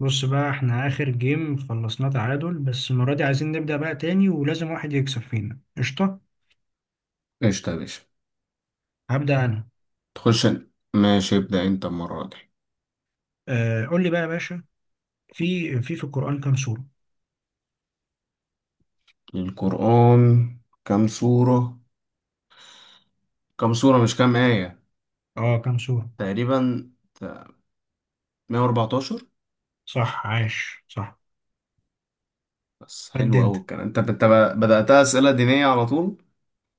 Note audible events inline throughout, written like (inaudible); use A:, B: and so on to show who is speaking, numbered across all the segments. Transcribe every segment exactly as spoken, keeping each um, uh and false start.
A: بص بقى احنا اخر جيم خلصناه تعادل، بس المرة دي عايزين نبدأ بقى تاني ولازم واحد يكسب فينا. قشطة،
B: قشطة يا باشا.
A: هبدأ انا.
B: تخش أنا. ماشي ابدأ أنت المرة دي.
A: آه قول لي بقى يا باشا. في في في القرآن كام سورة؟
B: القرآن، كم سورة؟ كم سورة مش كم آية.
A: اه كام سورة.
B: تقريبا مية واربعتاشر.
A: صح، عاش، صح.
B: بس
A: قد
B: حلو
A: انت.
B: أوي الكلام. أنت أنت بدأتها أسئلة دينية على طول.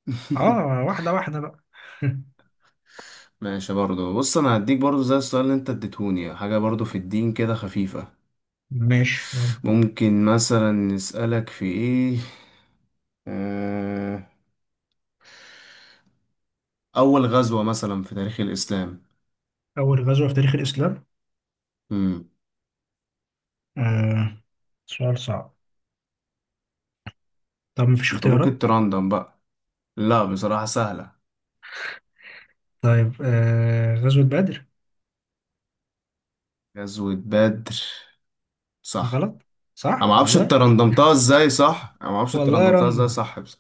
B: (laughs)
A: اه واحدة واحدة بقى.
B: ماشي برضو، بص أنا هديك برضو زي السؤال اللي أنت اديتهوني، حاجة برضو في الدين كده خفيفة.
A: ماشي يلا.
B: ممكن مثلا نسألك في إيه. آه، أول غزوة مثلا في تاريخ الإسلام.
A: اول غزوة في تاريخ الاسلام؟
B: مم.
A: آه سؤال صعب. طب مفيش
B: أنت ممكن
A: اختيارات؟
B: تراندم بقى. لا بصراحة سهلة،
A: طيب آه غزوة بدر.
B: غزوة بدر. صح.
A: غلط؟
B: انا ما
A: صح
B: اعرفش انت
A: والله.
B: رندمتها ازاي، صح انا ما اعرفش انت
A: والله
B: رندمتها ازاي،
A: راندوم.
B: صح بس.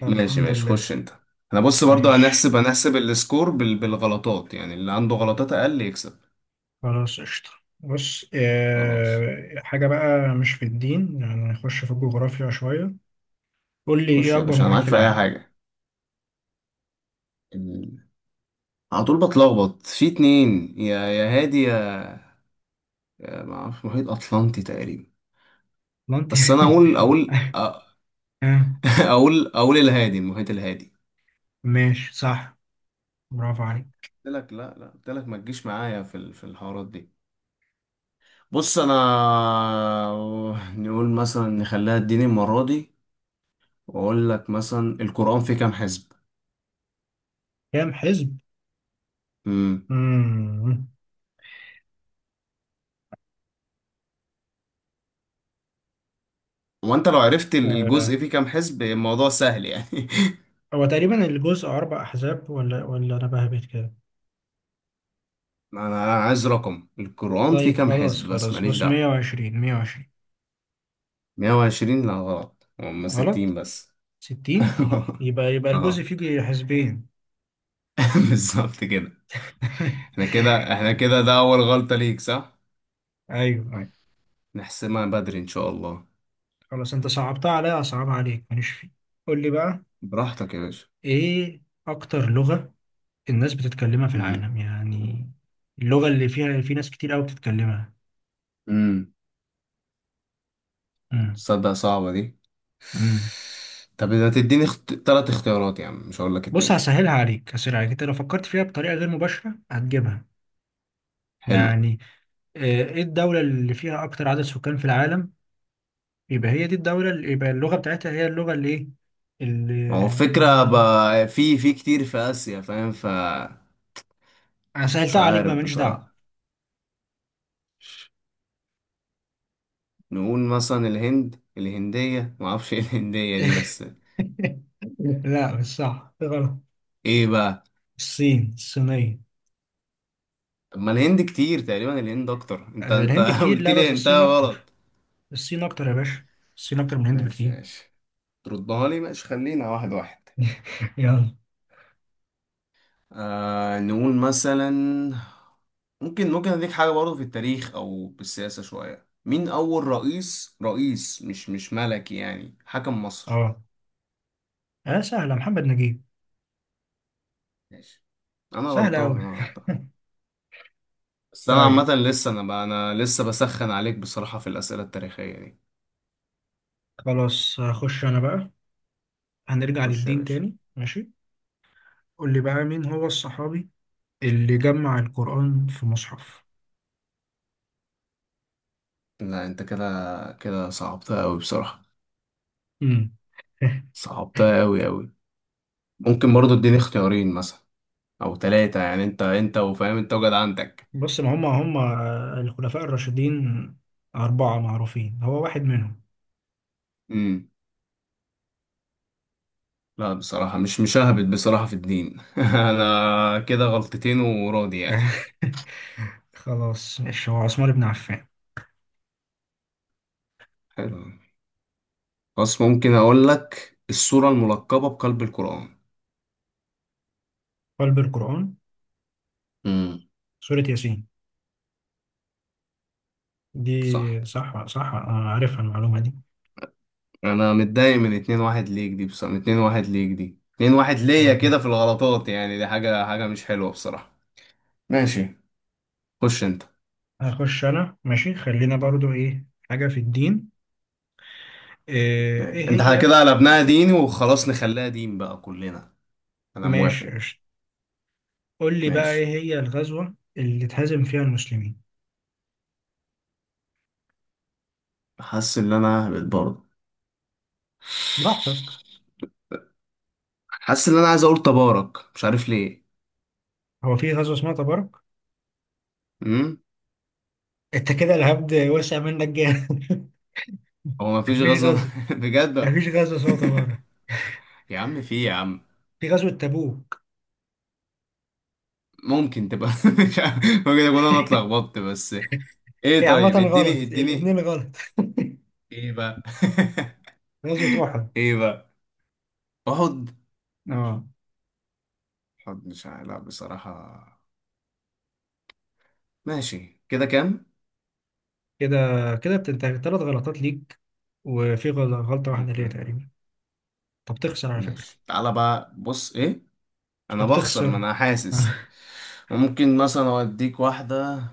A: طب
B: ماشي
A: الحمد
B: ماشي،
A: لله.
B: خش انت. انا بص برضه،
A: ماشي
B: هنحسب هنحسب السكور بال... بالغلطات، يعني اللي عنده غلطات اقل يكسب.
A: خلاص قشطة. بص،
B: خلاص،
A: آه، حاجة بقى مش في الدين، يعني نخش في الجغرافيا شوية. قول لي
B: خش
A: إيه
B: يا
A: أكبر
B: باشا انا
A: محيط
B: معاك
A: في
B: في اي
A: العالم؟
B: حاجة. ال- على طول بتلخبط في اتنين، يا يا هادي يا, يا ما اعرفش، محيط اطلنطي تقريبا.
A: ما أنت
B: بس انا اقول اقول أ-
A: (laughs) آه،
B: (laughs) اقول اقول الهادي، المحيط الهادي.
A: ماشي صح. برافو عليك.
B: قلت لك، لا لا، قلت لك ما تجيش معايا في ال- في الحوارات دي. بص انا نقول مثلا نخليها الدين المره دي، واقول لك مثلا القران فيه كام حزب.
A: كام حزب؟
B: امم.
A: مم.
B: وانت لو عرفت ال-
A: آه،
B: الجزء فيه كام حزب الموضوع سهل يعني.
A: هو تقريبا الجزء أربع أحزاب ولا ولا أنا بهبت كده.
B: (laughs) انا أنا عايز رقم، القران فيه
A: طيب
B: كام
A: خلاص
B: حزب بس
A: خلاص،
B: ماليش
A: بص
B: دعوه.
A: مية وعشرين. مية وعشرين
B: مائة وعشرين لا غلط، هم
A: غلط؟
B: ستين بس.
A: ستين.
B: (laughs)
A: يبقى يبقى الجزء
B: اه.
A: فيه حزبين.
B: (laughs) بالظبط كده.
A: (laughs) أيوه.
B: احنا كده احنا كده ده اول غلطه ليك، صح.
A: أيوه
B: نحسمها بدري ان شاء الله.
A: خلاص، انت صعبتها عليا اصعبها عليك ماليش فيه. قول لي بقى،
B: براحتك يا باشا.
A: ايه اكتر لغة الناس بتتكلمها في العالم؟ يعني اللغة اللي فيها في ناس كتير قوي بتتكلمها.
B: امم.
A: امم.
B: تصدق صعبة دي.
A: امم.
B: طب إذا تديني اخت... تلات اختيارات يا عم، مش هقول لك
A: بص
B: اتنين.
A: هسهلها عليك، هسهلها عليك، انت لو فكرت فيها بطريقة غير مباشرة هتجيبها.
B: حلو.
A: يعني آه، ايه الدولة اللي فيها اكتر عدد سكان في العالم؟ يبقى هي دي الدولة اللي يبقى اللغة بتاعتها هي اللغة اللي ايه اللي.
B: ما هو الفكرة
A: مم،
B: بقى، في في كتير في آسيا فاهم ف.
A: انا
B: مش
A: سهلتها عليك بقى
B: عارف
A: ماليش دعوة.
B: بصراحة. نقول مثلا الهند، الهندية ما اعرفش ايه الهندية دي بس.
A: (laughs) لا مش صح، غلط.
B: ايه بقى.
A: الصين، الصينية.
B: طب ما الهند كتير، تقريبا الهند اكتر. انت انت
A: الهند
B: (laughs)
A: كتير
B: قلت
A: لا، بس
B: لي انت
A: الصين اكتر.
B: غلط.
A: الصين اكتر يا باشا. الصين اكتر من الهند
B: ماشي
A: بكتير.
B: ماشي، تردها لي. ماشي خلينا واحد واحد.
A: يلا.
B: آه نقول مثلا، ممكن ممكن اديك حاجة برضه في التاريخ او بالسياسة شوية، مين اول رئيس رئيس مش مش ملكي يعني حكم مصر.
A: اه. اه سهلة، محمد نجيب.
B: ماشي. انا
A: سهلة
B: غلطان
A: اوي.
B: انا غلطان. بس انا
A: طيب
B: عامة لسه، انا بقى انا لسه بسخن عليك بصراحة في الأسئلة التاريخية دي.
A: خلاص، هخش انا بقى. هنرجع
B: خش يا
A: للدين
B: باشا.
A: تاني، ماشي. قول لي بقى، مين هو الصحابي اللي جمع القرآن في مصحف؟
B: لا انت كده، كده صعبتها قوي بصراحة.
A: امم. (laughs)
B: صعبتها قوي قوي. ممكن برضه اديني اختيارين مثلا او ثلاثة يعني، انت انت وفاهم انت وجد عندك.
A: بص ما هم هم الخلفاء الراشدين، أربعة معروفين هو واحد منهم.
B: لا بصراحة مش مشاهبت بصراحة في الدين. (laughs) أنا كده غلطتين وراضي يعني.
A: (laughs) خلاص ماشي، هو عثمان بن عفان.
B: حلو. بس ممكن أقول لك السورة الملقبة بقلب القرآن.
A: قلب القرآن؟
B: امم.
A: سورة ياسين.
B: صح.
A: دي صح صح، أنا عارفها المعلومة دي.
B: أنا متضايق من اتنين واحد ليك دي بصراحة، من اتنين واحد ليك دي اتنين واحد ليا
A: أمم.
B: كده في الغلطات، يعني دي حاجة حاجة مش حلوة بصراحة. ماشي، خش أنت.
A: هخش أنا ماشي، خلينا برضو إيه حاجة في الدين. إيه
B: ماشي
A: إيه
B: أنت
A: هي؟
B: كده قلبناها ديني، وخلاص نخليها دين بقى كلنا. أنا
A: ماشي
B: موافق.
A: قشطة. قول لي بقى،
B: ماشي.
A: إيه هي الغزوة اللي اتهزم فيها المسلمين؟
B: حاسس إن أنا هبت برضه.
A: براحتك.
B: حاسس ان انا عايز اقول تبارك، مش عارف ليه.
A: هو في غزوة اسمها تبارك؟
B: امم.
A: أنت كده الهبد وسع منك جامد.
B: هو ما
A: (laughs)
B: فيش
A: مفيش
B: غزل
A: غزوة.
B: (laughs) بجد.
A: مفيش غزوة اسمها تبارك،
B: (laughs) يا عم في يا عم.
A: في غزوة تبوك.
B: ممكن تبقى (laughs) مش عارف، ممكن اكون انا اتلخبطت بس. ايه
A: هي
B: طيب،
A: عامة
B: اديني
A: غلط،
B: اديني.
A: الاتنين غلط.
B: ايه بقى.
A: غزوة
B: (laughs)
A: أحد.
B: ايه بقى. احد.
A: أه.
B: احد مش عارف لا بصراحة. ماشي كده كام.
A: كده، كده بتنتهي تلات غلطات ليك، وفي غل- غلطة واحدة ليا
B: مم.
A: تقريبا. طب تخسر على فكرة.
B: ماشي تعالى بقى، بص ايه.
A: طب
B: انا بخسر
A: تخسر.
B: ما انا حاسس.
A: (laughs)
B: ممكن مثلا اوديك واحدة.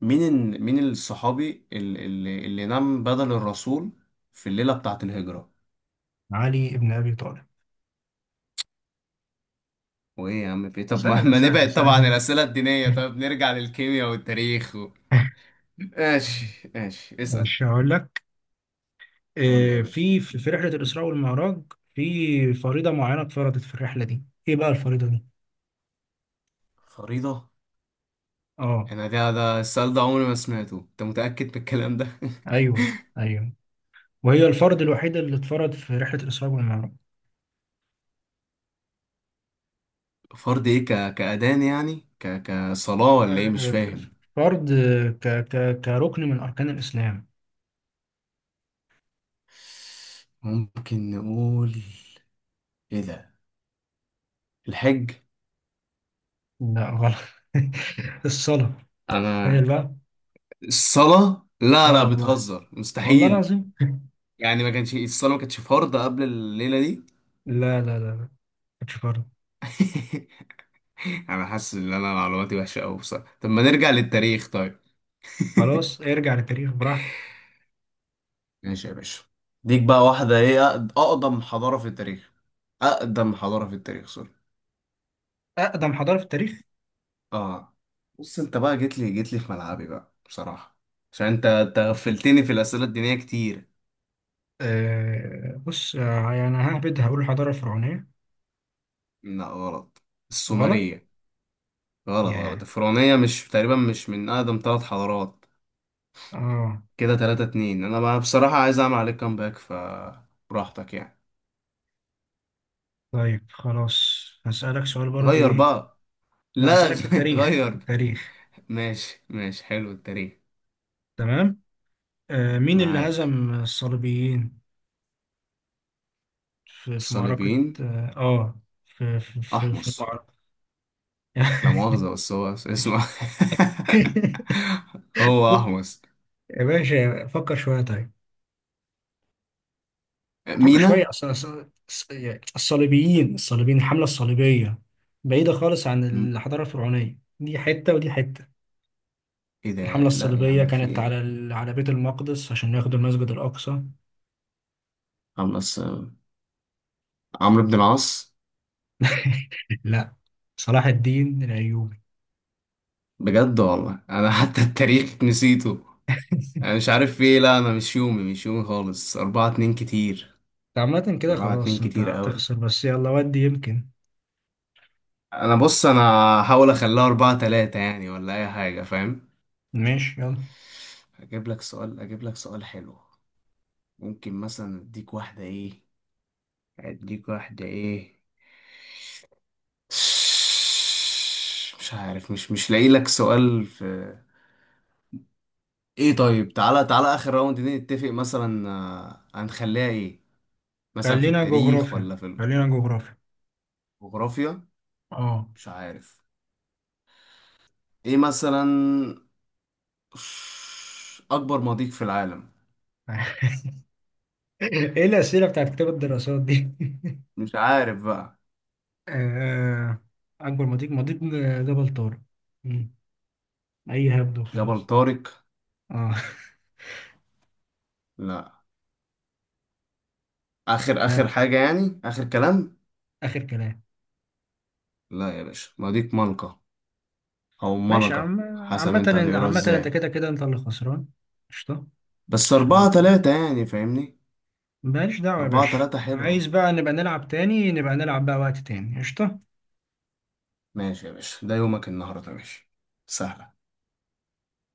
B: مين ال... مين الصحابي اللي, اللي اللي نام بدل الرسول في الليلة بتاعة الهجرة.
A: علي ابن ابي طالب.
B: وايه يا عم في إيه؟ طب ما...
A: سهلة
B: ما
A: سهلة
B: نبعد طبعا عن
A: سهلة.
B: الأسئلة الدينية، طب نرجع للكيمياء والتاريخ و...
A: (laughs)
B: ماشي ماشي اسأل.
A: مش هقول لك.
B: قول لي يا
A: آه،
B: باشا.
A: في في في رحله الاسراء والمعراج في فريضه معينه اتفرضت في الرحله دي، ايه بقى الفريضه دي؟
B: فريضة.
A: اه.
B: انا ده ده السؤال ده عمري ما سمعته، انت متأكد من الكلام ده. (laughs)
A: ايوه. ايوه، وهي الفرض الوحيد اللي اتفرض في رحله الاسراء والمعراج.
B: فرض ايه، ك... كأذان يعني ك... كصلاة ولا ايه مش
A: آه،
B: فاهم.
A: فرض آه، ك ك كركن من اركان الاسلام.
B: ممكن نقول ايه ده، الحج.
A: لا غلط. (laughs) الصلاه. تخيل
B: انا
A: بقى.
B: الصلاة؟ لا
A: اه
B: لا
A: والله.
B: بتهزر
A: والله
B: مستحيل.
A: العظيم.
B: يعني ما كانش الصلاة ما كانتش فرض قبل الليلة دي.
A: لا لا لا لا، مش فرض.
B: (laughs) انا حاسس ان انا معلوماتي وحشة قوي بصراحة، طب ما نرجع للتاريخ طيب.
A: خلاص
B: (laughs)
A: ارجع للتاريخ براحتك.
B: ماشي يا باشا. ديك بقى واحدة ايه، أقد- اقدم حضارة في التاريخ، اقدم حضارة في التاريخ، سوري.
A: أقدم حضارة في التاريخ؟
B: اه. بص انت بقى جيت لي جيت لي في ملعبي بقى بصراحة، عشان انت أنت غفلتني في الأسئلة الدينية كتير.
A: أه بص آه، يعني ههبد هقول الحضارة الفرعونية.
B: لا غلط.
A: غلط؟
B: السومرية. غلط. غلط
A: ياه.
B: الفرعونية مش تقريبا مش من اقدم ثلاث حضارات.
A: اه.
B: كده تلاتة اتنين، انا بقى بصراحة عايز اعمل عليك كامباك فبراحتك يعني.
A: طيب خلاص هسألك سؤال برضو،
B: غير
A: إيه.
B: بقى.
A: لا
B: لا. (laughs)
A: هسألك في التاريخ، في
B: غير.
A: التاريخ.
B: ماشي ماشي، حلو التاريخ.
A: تمام. أه مين اللي
B: معاك.
A: هزم الصليبيين في، في معركة؟
B: الصليبيين.
A: اه آه، في في في, في
B: احمس،
A: المعركة.
B: لا مؤاخذة بس هو اسمه.
A: (laughs)
B: (laughs) هو احمس.
A: يا باشا فكر شوية طيب. فكر شوية،
B: مينا.
A: أص- أص- أص- يعني الصليبيين، الصليبيين، الحملة الصليبية بعيدة خالص عن
B: م-.
A: الحضارة الفرعونية. دي حتة ودي حتة.
B: ايه ده،
A: الحملة
B: لا يا
A: الصليبية
B: عم في
A: كانت على
B: ايه.
A: ال- على بيت المقدس عشان ياخدوا المسجد الأقصى.
B: عمرو بس، عمرو بن العاص.
A: (laughs) لا، صلاح الدين الأيوبي.
B: بجد والله انا حتى التاريخ نسيته. انا مش عارف في ايه، لا انا مش يومي مش يومي خالص، اربعة اتنين كتير.
A: عامة كده
B: أربعة
A: خلاص
B: اتنين
A: أنت
B: كتير قوي.
A: هتخسر، بس يلا ودي يمكن.
B: أنا بص أنا هحاول أخليها أربعة تلاتة يعني ولا أي حاجة فاهم.
A: ماشي يلا.
B: أجيب لك سؤال أجيب لك سؤال حلو. ممكن مثلا أديك واحدة إيه أديك واحدة إيه. مش عارف، مش مش لاقي لك سؤال في. إيه طيب، تعالى تعالى آخر راوند دي نتفق مثلا، آه، هنخليها إيه مثلا، في
A: خلينا
B: التاريخ
A: جغرافيا،
B: ولا في
A: خلينا جغرافيا.
B: الجغرافيا.
A: اه.
B: مش عارف. إيه مثلا. (sighs) أكبر مضيق في العالم.
A: (laughs) ايه الأسئلة بتاعت كتاب الدراسات دي؟ (laughs)
B: مش عارف بقى.
A: آه، أكبر مضيق، مضيق جبل طارق. مم. أي هبد
B: جبل
A: وخلاص.
B: طارق.
A: آه.
B: لا. اخر
A: (laughs)
B: اخر
A: آه،
B: حاجه يعني اخر كلام.
A: آخر كلام.
B: لا يا باشا مضيق ملقا، او
A: ماشي يا
B: ملقا
A: عم.
B: حسب انت
A: عامة
B: هتقرا
A: عامة أنت
B: ازاي.
A: كده كده أنت اللي خسران. قشطة.
B: بس اربعة
A: عشان
B: تلاتة يعني فاهمني.
A: ماليش دعوة يا
B: اربعة
A: باشا.
B: تلاتة حلوة بقى.
A: عايز بقى نبقى نلعب تاني، نبقى نلعب بقى وقت تاني. قشطة.
B: ماشي يا باشا ده يومك النهاردة ماشي. سهلة